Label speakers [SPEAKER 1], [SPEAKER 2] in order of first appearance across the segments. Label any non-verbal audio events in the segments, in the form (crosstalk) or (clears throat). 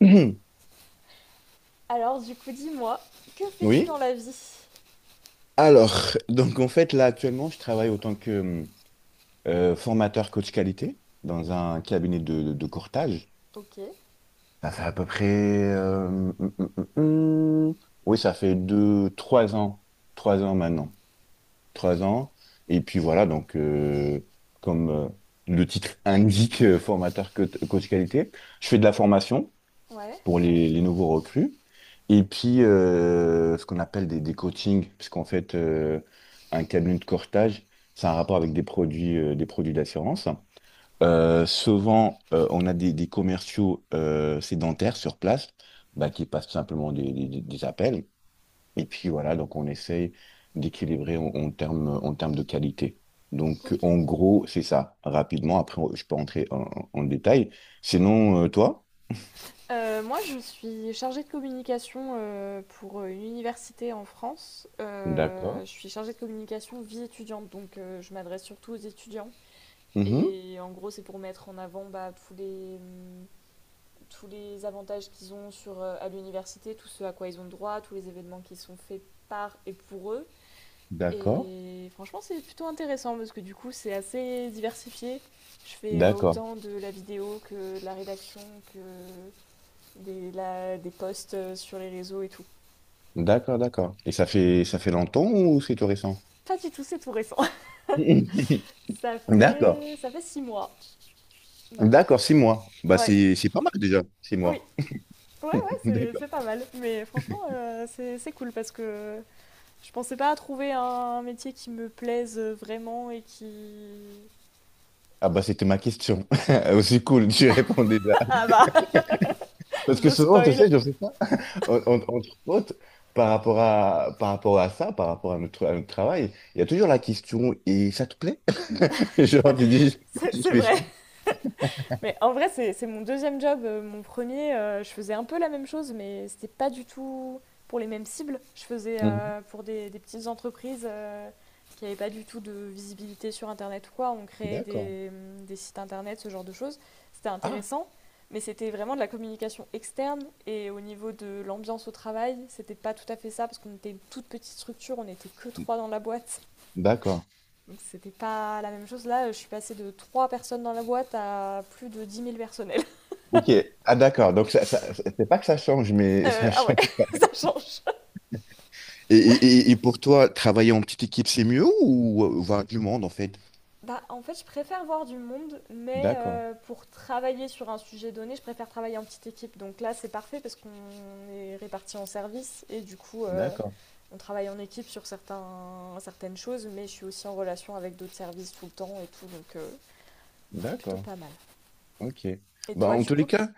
[SPEAKER 1] Mhm.
[SPEAKER 2] Alors, du coup, dis-moi, que
[SPEAKER 1] (clears throat)
[SPEAKER 2] fais-tu
[SPEAKER 1] Oui.
[SPEAKER 2] dans la vie?
[SPEAKER 1] Alors, donc en fait, là actuellement, je travaille autant que formateur coach qualité dans un cabinet de courtage.
[SPEAKER 2] Ok,
[SPEAKER 1] Ça fait à peu près. Oui, ça fait 2, 3 ans. 3 ans maintenant. 3 ans. Et puis voilà, donc comme le titre (laughs) indique, formateur coach qualité, je fais de la formation
[SPEAKER 2] ouais,
[SPEAKER 1] pour les nouveaux recrues. Et puis, ce qu'on appelle des coachings, puisqu'en fait, un cabinet de courtage, c'est un rapport avec des produits d'assurance. Souvent, on a des commerciaux sédentaires sur place, bah, qui passent tout simplement des appels. Et puis voilà, donc on essaye d'équilibrer en en termes de qualité. Donc,
[SPEAKER 2] ok.
[SPEAKER 1] en gros, c'est ça, rapidement. Après, je peux entrer en détail. Sinon, toi?
[SPEAKER 2] Moi, je suis chargée de communication pour une université en France. Euh,
[SPEAKER 1] D'accord.
[SPEAKER 2] je suis chargée de communication vie étudiante, donc je m'adresse surtout aux étudiants. Et en gros, c'est pour mettre en avant bah, tous les, tous les avantages qu'ils ont sur, à l'université, tout ce à quoi ils ont droit, tous les événements qui sont faits par et pour eux.
[SPEAKER 1] D'accord,
[SPEAKER 2] Et franchement, c'est plutôt intéressant parce que du coup, c'est assez diversifié. Je fais
[SPEAKER 1] d'accord,
[SPEAKER 2] autant de la vidéo que de la rédaction, que des posts sur les réseaux et tout.
[SPEAKER 1] d'accord, d'accord. Et ça fait longtemps ou c'est tout récent?
[SPEAKER 2] Pas du tout, c'est tout récent. (laughs)
[SPEAKER 1] (laughs)
[SPEAKER 2] Ça
[SPEAKER 1] D'accord,
[SPEAKER 2] fait, ça fait 6 mois maintenant.
[SPEAKER 1] d'accord, 6 mois. Bah
[SPEAKER 2] Ouais,
[SPEAKER 1] c'est pas mal déjà, six
[SPEAKER 2] oui,
[SPEAKER 1] mois.
[SPEAKER 2] ouais, ouais,
[SPEAKER 1] (laughs)
[SPEAKER 2] c'est
[SPEAKER 1] D'accord.
[SPEAKER 2] c'est pas mal. Mais franchement, c'est cool parce que je pensais pas à trouver un métier qui me plaise vraiment et qui.
[SPEAKER 1] Ah bah c'était ma question. (laughs) Aussi cool, tu réponds déjà.
[SPEAKER 2] Ah bah, (laughs)
[SPEAKER 1] Parce que
[SPEAKER 2] je
[SPEAKER 1] souvent, tu
[SPEAKER 2] spoil,
[SPEAKER 1] sais, je fais ça, entre autres, par rapport à ça, par rapport à à notre travail, il y a toujours la question, et ça te plaît? (laughs) Genre, tu dis,
[SPEAKER 2] c'est
[SPEAKER 1] je
[SPEAKER 2] c'est
[SPEAKER 1] fais
[SPEAKER 2] vrai.
[SPEAKER 1] ça.
[SPEAKER 2] Mais en vrai, c'est mon deuxième job. Mon premier, je faisais un peu la même chose, mais c'était pas du tout pour les mêmes cibles. Je faisais
[SPEAKER 1] Mhm.
[SPEAKER 2] pour des petites entreprises qui n'avaient pas du tout de visibilité sur Internet ou quoi. On créait
[SPEAKER 1] D'accord.
[SPEAKER 2] des sites Internet, ce genre de choses. C'était
[SPEAKER 1] Ah,
[SPEAKER 2] intéressant, mais c'était vraiment de la communication externe. Et au niveau de l'ambiance au travail, c'était pas tout à fait ça, parce qu'on était une toute petite structure, on n'était que trois dans la boîte.
[SPEAKER 1] d'accord.
[SPEAKER 2] Donc c'était pas la même chose. Là, je suis passée de trois personnes dans la boîte à plus de 10 000 personnes.
[SPEAKER 1] Ok, ah d'accord, donc c'est pas que ça change, mais (laughs)
[SPEAKER 2] Euh,
[SPEAKER 1] ça
[SPEAKER 2] ah ouais,
[SPEAKER 1] change.
[SPEAKER 2] (laughs) ça change.
[SPEAKER 1] Et pour toi, travailler en petite équipe, c'est mieux ou voir du monde en fait?
[SPEAKER 2] Bah, en fait, je préfère voir du monde, mais
[SPEAKER 1] D'accord,
[SPEAKER 2] pour travailler sur un sujet donné, je préfère travailler en petite équipe. Donc là, c'est parfait parce qu'on est répartis en services et du coup,
[SPEAKER 1] d'accord,
[SPEAKER 2] on travaille en équipe sur certaines choses, mais je suis aussi en relation avec d'autres services tout le temps et tout, donc plutôt
[SPEAKER 1] d'accord,
[SPEAKER 2] pas mal.
[SPEAKER 1] ok.
[SPEAKER 2] Et
[SPEAKER 1] Bah,
[SPEAKER 2] toi,
[SPEAKER 1] en
[SPEAKER 2] du
[SPEAKER 1] tous les
[SPEAKER 2] coup,
[SPEAKER 1] cas,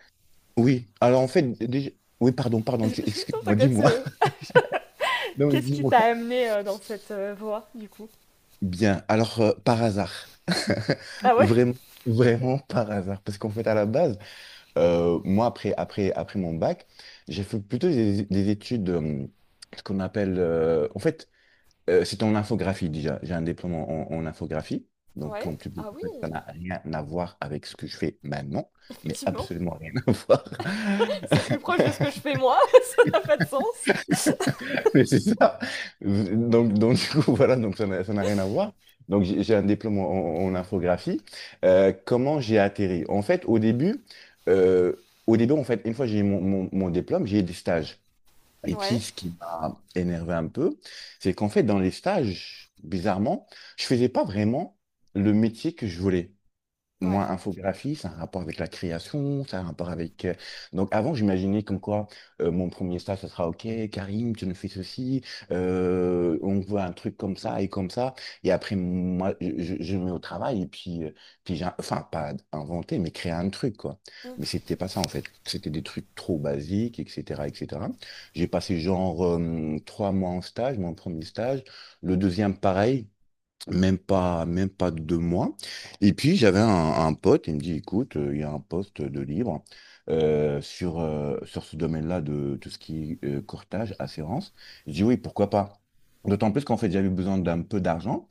[SPEAKER 1] oui. Alors en
[SPEAKER 2] qu'est-ce
[SPEAKER 1] fait, déjà... oui, pardon,
[SPEAKER 2] (laughs)
[SPEAKER 1] pardon,
[SPEAKER 2] Non,
[SPEAKER 1] excuse-moi,
[SPEAKER 2] t'inquiète,
[SPEAKER 1] dis-moi.
[SPEAKER 2] c'est-
[SPEAKER 1] (laughs) Non, mais
[SPEAKER 2] qu'est-ce qui
[SPEAKER 1] dis-moi.
[SPEAKER 2] t'a amené dans cette voie, du coup.
[SPEAKER 1] Bien, alors par hasard,
[SPEAKER 2] Ah
[SPEAKER 1] (laughs)
[SPEAKER 2] ouais.
[SPEAKER 1] vraiment, vraiment par hasard, parce qu'en fait, à la base, moi, après mon bac, j'ai fait plutôt des études, ce qu'on appelle, en fait, c'est en infographie déjà. J'ai un diplôme en infographie. Donc,
[SPEAKER 2] Ouais.
[SPEAKER 1] en plus,
[SPEAKER 2] Ah oui,
[SPEAKER 1] ça n'a rien à voir avec ce que je fais maintenant, mais
[SPEAKER 2] effectivement.
[SPEAKER 1] absolument rien à (laughs) voir.
[SPEAKER 2] C'est plus proche de ce que je fais moi, (laughs) ça n'a pas de sens.
[SPEAKER 1] Mais c'est ça. Du coup, (laughs) voilà, donc ça n'a rien à voir. Donc, j'ai un diplôme en infographie. Comment j'ai atterri? En fait, au début, une fois que j'ai eu mon diplôme, j'ai eu des stages. Et puis,
[SPEAKER 2] Ouais,
[SPEAKER 1] ce qui m'a énervé un peu, c'est qu'en fait, dans les stages, bizarrement, je faisais pas vraiment le métier que je voulais.
[SPEAKER 2] ouais.
[SPEAKER 1] Moi, infographie, ça a un rapport avec la création, ça a un rapport avec... Donc avant, j'imaginais comme quoi mon premier stage, ça sera OK, Karim, tu nous fais ceci, on voit un truc comme ça. Et après, moi, je me mets au travail et puis, puis j'ai... Enfin, pas inventer, mais créer un truc, quoi.
[SPEAKER 2] Mm.
[SPEAKER 1] Mais c'était pas ça, en fait. C'était des trucs trop basiques, etc., etc. J'ai passé genre 3 mois en stage, mon premier stage. Le deuxième, pareil. Même pas 2 mois. Et puis j'avais un pote, il me dit, écoute, il y a un poste de libre sur ce domaine-là de tout ce qui est courtage, assurance. Je dis oui, pourquoi pas? D'autant plus qu'en fait, j'avais besoin d'un peu d'argent,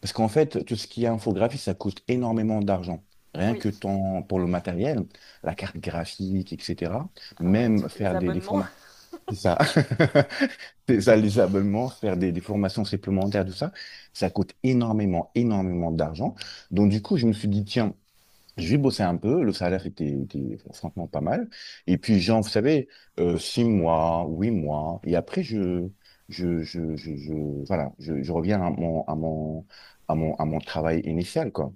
[SPEAKER 1] parce qu'en fait, tout ce qui est infographie, ça coûte énormément d'argent. Rien
[SPEAKER 2] Oui.
[SPEAKER 1] que ton, pour le matériel, la carte graphique, etc.
[SPEAKER 2] Ah ouais,
[SPEAKER 1] Même
[SPEAKER 2] tous les
[SPEAKER 1] faire des
[SPEAKER 2] abonnements.
[SPEAKER 1] formats.
[SPEAKER 2] (laughs)
[SPEAKER 1] C'est ça. (laughs) C'est ça, les abonnements, faire des formations supplémentaires, tout ça, ça coûte énormément, énormément d'argent. Donc, du coup, je me suis dit, tiens, je vais bosser un peu. Le salaire était franchement pas mal. Et puis, genre, vous savez, 6 mois, 8 mois. Et après, voilà, je reviens à mon, à mon, à mon, à mon travail initial, quoi.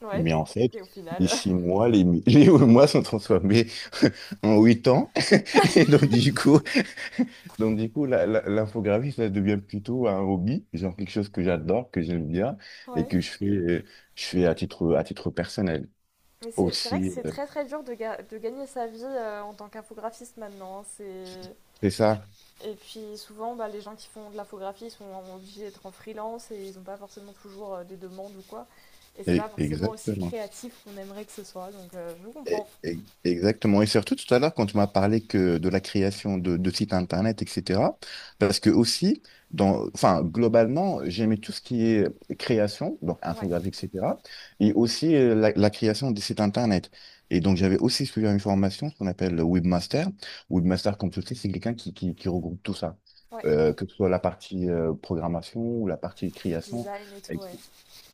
[SPEAKER 2] Ouais.
[SPEAKER 1] Mais en fait,
[SPEAKER 2] Et au
[SPEAKER 1] les
[SPEAKER 2] final.
[SPEAKER 1] 6 mois, (laughs) les 8 mois sont transformés (laughs) en 8 ans. (laughs) Et donc, du coup, l'infographie, ça devient plutôt un hobby, genre quelque chose que j'adore, que j'aime bien
[SPEAKER 2] (laughs)
[SPEAKER 1] et
[SPEAKER 2] Ouais.
[SPEAKER 1] que je fais à titre personnel
[SPEAKER 2] Mais c'est vrai que
[SPEAKER 1] aussi.
[SPEAKER 2] c'est très très dur de, de gagner sa vie en tant qu'infographiste maintenant, hein. C'est...
[SPEAKER 1] C'est
[SPEAKER 2] Et, puis,
[SPEAKER 1] ça.
[SPEAKER 2] et puis souvent, bah, les gens qui font de l'infographie sont obligés d'être en freelance et ils n'ont pas forcément toujours des demandes ou quoi. Et c'est pas forcément aussi
[SPEAKER 1] Exactement.
[SPEAKER 2] créatif qu'on aimerait que ce soit, donc je vous comprends.
[SPEAKER 1] Exactement. Et surtout tout à l'heure, quand tu m'as parlé que de la création de sites internet, etc., parce que aussi, dans, enfin, globalement, j'aimais tout ce qui est création, donc
[SPEAKER 2] Ouais,
[SPEAKER 1] infographie, etc., et aussi la création des sites internet. Et donc, j'avais aussi suivi une formation, ce qu'on appelle le webmaster. Webmaster, comme tu le sais, c'est quelqu'un qui regroupe tout ça.
[SPEAKER 2] ouais.
[SPEAKER 1] Que ce soit la partie programmation ou la partie création.
[SPEAKER 2] Design et tout, ouais.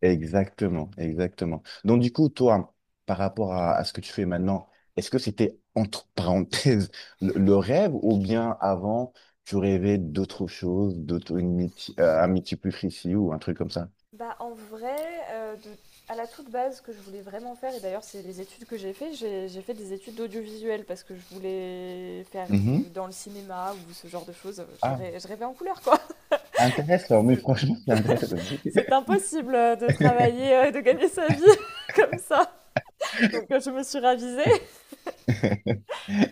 [SPEAKER 1] Exactement, exactement. Donc du coup, toi, par rapport à ce que tu fais maintenant, est-ce que c'était entre parenthèses (laughs) le rêve ou bien avant, tu rêvais d'autre chose, d'autre une un métier plus précis ou un truc comme ça?
[SPEAKER 2] Bah, en vrai, euh, de- à la toute base, ce que je voulais vraiment faire, et d'ailleurs, c'est les études que j'ai fait, j'ai fait des études d'audiovisuel parce que je voulais faire
[SPEAKER 1] Mhm.
[SPEAKER 2] dans le cinéma ou ce genre de choses.
[SPEAKER 1] Ah,
[SPEAKER 2] Je rêvais en couleur, quoi.
[SPEAKER 1] intéressant,
[SPEAKER 2] (laughs)
[SPEAKER 1] mais
[SPEAKER 2] C'est
[SPEAKER 1] franchement, c'est intéressant.
[SPEAKER 2] c'est impossible de travailler,
[SPEAKER 1] (laughs)
[SPEAKER 2] de gagner sa vie (laughs) comme ça. Donc, je me suis ravisée.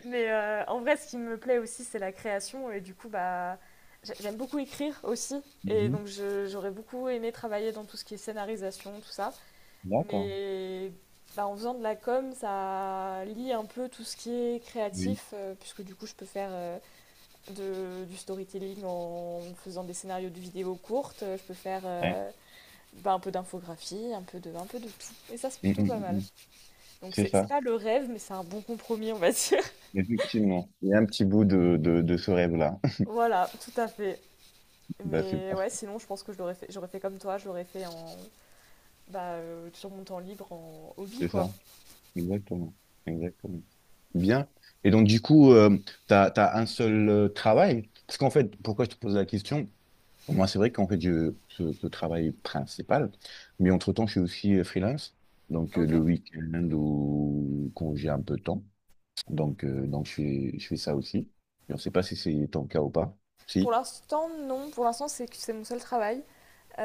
[SPEAKER 2] Mais en vrai, ce qui me plaît aussi, c'est la création. Et du coup, bah, j'aime beaucoup écrire aussi. Et
[SPEAKER 1] Mhm.
[SPEAKER 2] donc, j'aurais beaucoup aimé travailler dans tout ce qui est scénarisation, tout ça.
[SPEAKER 1] D'accord,
[SPEAKER 2] Mais bah, en faisant de la com, ça lie un peu tout ce qui est
[SPEAKER 1] oui,
[SPEAKER 2] créatif, puisque du coup, je peux faire du storytelling en faisant des scénarios de vidéos courtes, je peux faire
[SPEAKER 1] ouais.
[SPEAKER 2] bah, un peu d'infographie, un peu de tout. Et ça, c'est
[SPEAKER 1] Mm,
[SPEAKER 2] plutôt
[SPEAKER 1] mm,
[SPEAKER 2] pas
[SPEAKER 1] mm,
[SPEAKER 2] mal.
[SPEAKER 1] mm.
[SPEAKER 2] Donc,
[SPEAKER 1] C'est
[SPEAKER 2] c'est
[SPEAKER 1] ça,
[SPEAKER 2] pas le rêve, mais c'est un bon compromis, on va dire. (laughs)
[SPEAKER 1] effectivement. Il y a un petit bout de ce rêve-là. (laughs)
[SPEAKER 2] Voilà, tout à fait.
[SPEAKER 1] Bah, c'est
[SPEAKER 2] Mais ouais,
[SPEAKER 1] parfait,
[SPEAKER 2] sinon, je pense que je l'aurais fait, j'aurais fait comme toi, je l'aurais fait en, bah, sur mon temps libre en hobby,
[SPEAKER 1] c'est
[SPEAKER 2] quoi.
[SPEAKER 1] ça. Exactement, exactement. Bien. Et donc, du coup, tu as un seul travail. Parce qu'en fait, pourquoi je te pose la question? Moi, c'est vrai qu'en fait, ce travail principal, mais entre-temps, je suis aussi freelance. Donc,
[SPEAKER 2] Ok.
[SPEAKER 1] le week-end ou quand j'ai un peu de temps. Donc je fais ça aussi. Et on ne sait pas si c'est ton cas ou pas.
[SPEAKER 2] Pour
[SPEAKER 1] Si.
[SPEAKER 2] l'instant, non. Pour l'instant, c'est mon seul travail.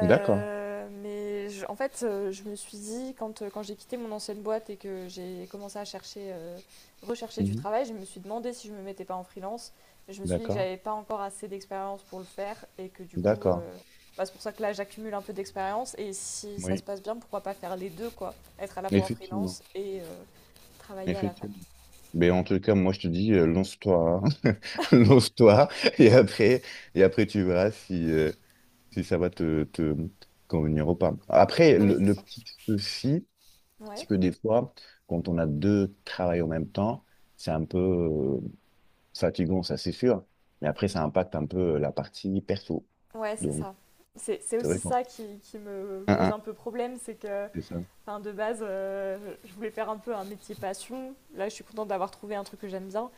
[SPEAKER 1] D'accord.
[SPEAKER 2] mais je- en fait, je me suis dit, quand, quand j'ai quitté mon ancienne boîte et que j'ai commencé à chercher, rechercher du
[SPEAKER 1] Mhm.
[SPEAKER 2] travail, je me suis demandé si je me mettais pas en freelance. Mais je me suis dit que
[SPEAKER 1] D'accord.
[SPEAKER 2] j'avais pas encore assez d'expérience pour le faire et que du coup,
[SPEAKER 1] D'accord.
[SPEAKER 2] bah, c'est pour ça que là, j'accumule un peu d'expérience. Et si ça se
[SPEAKER 1] Oui.
[SPEAKER 2] passe bien, pourquoi pas faire les deux, quoi? Être à la fois en
[SPEAKER 1] effectivement
[SPEAKER 2] freelance et travailler à la fac.
[SPEAKER 1] Effectivement. Mais en tout cas, moi, je te dis, lance-toi, hein. (laughs) Lance-toi, et après, et après, tu verras si ça va te convenir ou pas. Après,
[SPEAKER 2] Oui, c'est
[SPEAKER 1] le
[SPEAKER 2] ça.
[SPEAKER 1] petit souci, c'est
[SPEAKER 2] Ouais,
[SPEAKER 1] que des fois, quand on a deux travails en même temps, c'est un peu fatigant, ça c'est sûr, mais après, ça impacte un peu la partie perso.
[SPEAKER 2] ouais, c'est
[SPEAKER 1] Donc,
[SPEAKER 2] ça. C'est
[SPEAKER 1] c'est vrai
[SPEAKER 2] aussi
[SPEAKER 1] qu'on...
[SPEAKER 2] ça qui me
[SPEAKER 1] Hein,
[SPEAKER 2] pose
[SPEAKER 1] hein,
[SPEAKER 2] un peu problème, c'est que.
[SPEAKER 1] c'est ça,
[SPEAKER 2] Enfin, de base, je voulais faire un peu un métier passion. Là, je suis contente d'avoir trouvé un truc que j'aime bien.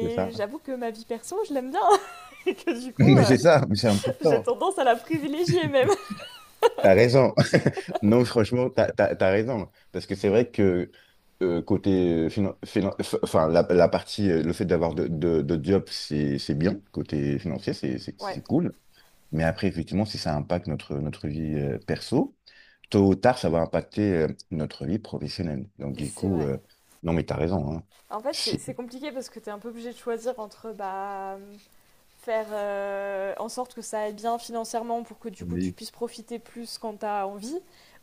[SPEAKER 1] c'est ça.
[SPEAKER 2] j'avoue que ma vie perso, je l'aime bien. (laughs) Et que du
[SPEAKER 1] (laughs)
[SPEAKER 2] coup,
[SPEAKER 1] Mais c'est ça, mais c'est
[SPEAKER 2] j'ai
[SPEAKER 1] important.
[SPEAKER 2] tendance à la privilégier même.
[SPEAKER 1] T'as raison. (laughs) Non, franchement, t'as raison. Parce que c'est vrai que côté enfin la partie, le fait d'avoir de job, c'est bien. Côté financier,
[SPEAKER 2] Ouais,
[SPEAKER 1] c'est cool. Mais après, effectivement, si ça impacte notre vie perso, tôt ou tard, ça va impacter notre vie professionnelle. Donc, du
[SPEAKER 2] c'est
[SPEAKER 1] coup,
[SPEAKER 2] vrai.
[SPEAKER 1] non, mais t'as raison. Hein.
[SPEAKER 2] En fait, c'est
[SPEAKER 1] Si-
[SPEAKER 2] c'est compliqué parce que t'es un peu obligé de choisir entre bah, faire en sorte que ça aille bien financièrement pour que du coup tu
[SPEAKER 1] Oui,
[SPEAKER 2] puisses profiter plus quand t'as envie,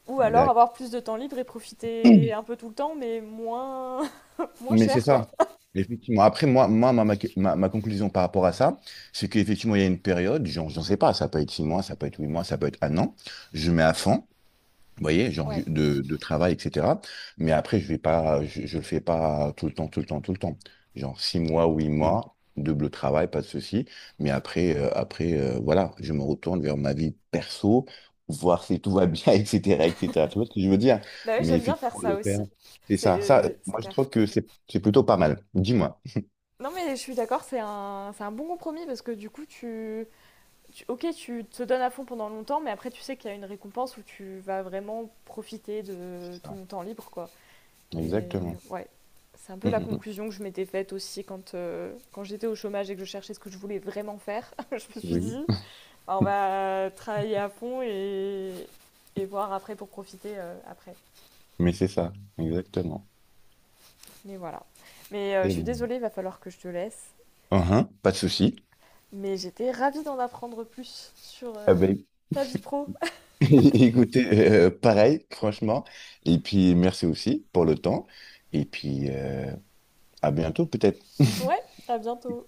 [SPEAKER 2] ou alors
[SPEAKER 1] exact.
[SPEAKER 2] avoir plus de temps libre et profiter un peu tout le temps, mais moins, (laughs) moins
[SPEAKER 1] Mais c'est
[SPEAKER 2] cher quoi.
[SPEAKER 1] ça. Effectivement. Après, moi ma conclusion par rapport à ça, c'est qu'effectivement, il y a une période, j'en sais pas, ça peut être 6 mois, ça peut être 8 mois, ça peut être un an, je mets à fond. Vous voyez, genre
[SPEAKER 2] Ouais.
[SPEAKER 1] de travail, etc. Mais après, je vais pas, je le fais pas tout le temps, tout le temps, tout le temps. Genre 6 mois, huit mois, double travail, pas de souci. Mais après, voilà, je me retourne vers ma vie perso, voir si tout va bien, (laughs) etc., etc. Tu vois ce que je veux dire?
[SPEAKER 2] Bah oui,
[SPEAKER 1] Mais
[SPEAKER 2] j'aime bien faire
[SPEAKER 1] effectivement,
[SPEAKER 2] ça
[SPEAKER 1] le faire,
[SPEAKER 2] aussi.
[SPEAKER 1] c'est ça. Ça,
[SPEAKER 2] C'est
[SPEAKER 1] moi, je
[SPEAKER 2] clair.
[SPEAKER 1] trouve que c'est plutôt pas mal. Dis-moi.
[SPEAKER 2] Non, mais je suis d'accord, c'est un bon compromis parce que du coup, ok, tu te donnes à fond pendant longtemps, mais après, tu sais qu'il y a une récompense où tu vas vraiment profiter de
[SPEAKER 1] C'est ça.
[SPEAKER 2] ton temps libre, quoi. Et
[SPEAKER 1] Exactement.
[SPEAKER 2] ouais, c'est un peu
[SPEAKER 1] Mm,
[SPEAKER 2] la
[SPEAKER 1] mm, mm.
[SPEAKER 2] conclusion que je m'étais faite aussi quand, quand j'étais au chômage et que je cherchais ce que je voulais vraiment faire. (laughs) Je me suis
[SPEAKER 1] Oui.
[SPEAKER 2] dit, bah,
[SPEAKER 1] (laughs)
[SPEAKER 2] on va travailler à fond et voir après pour profiter après.
[SPEAKER 1] Mais c'est ça, exactement.
[SPEAKER 2] Mais voilà. Mais je
[SPEAKER 1] Et
[SPEAKER 2] suis
[SPEAKER 1] bon.
[SPEAKER 2] désolée, il va falloir que je te laisse.
[SPEAKER 1] Uhum, pas de souci.
[SPEAKER 2] Mais j'étais ravie d'en apprendre plus sur
[SPEAKER 1] Eh ben,
[SPEAKER 2] ta vie pro.
[SPEAKER 1] (laughs) écoutez, pareil, franchement. Et puis, merci aussi pour le temps. Et puis, à bientôt, peut-être. (laughs)
[SPEAKER 2] Ouais, à bientôt.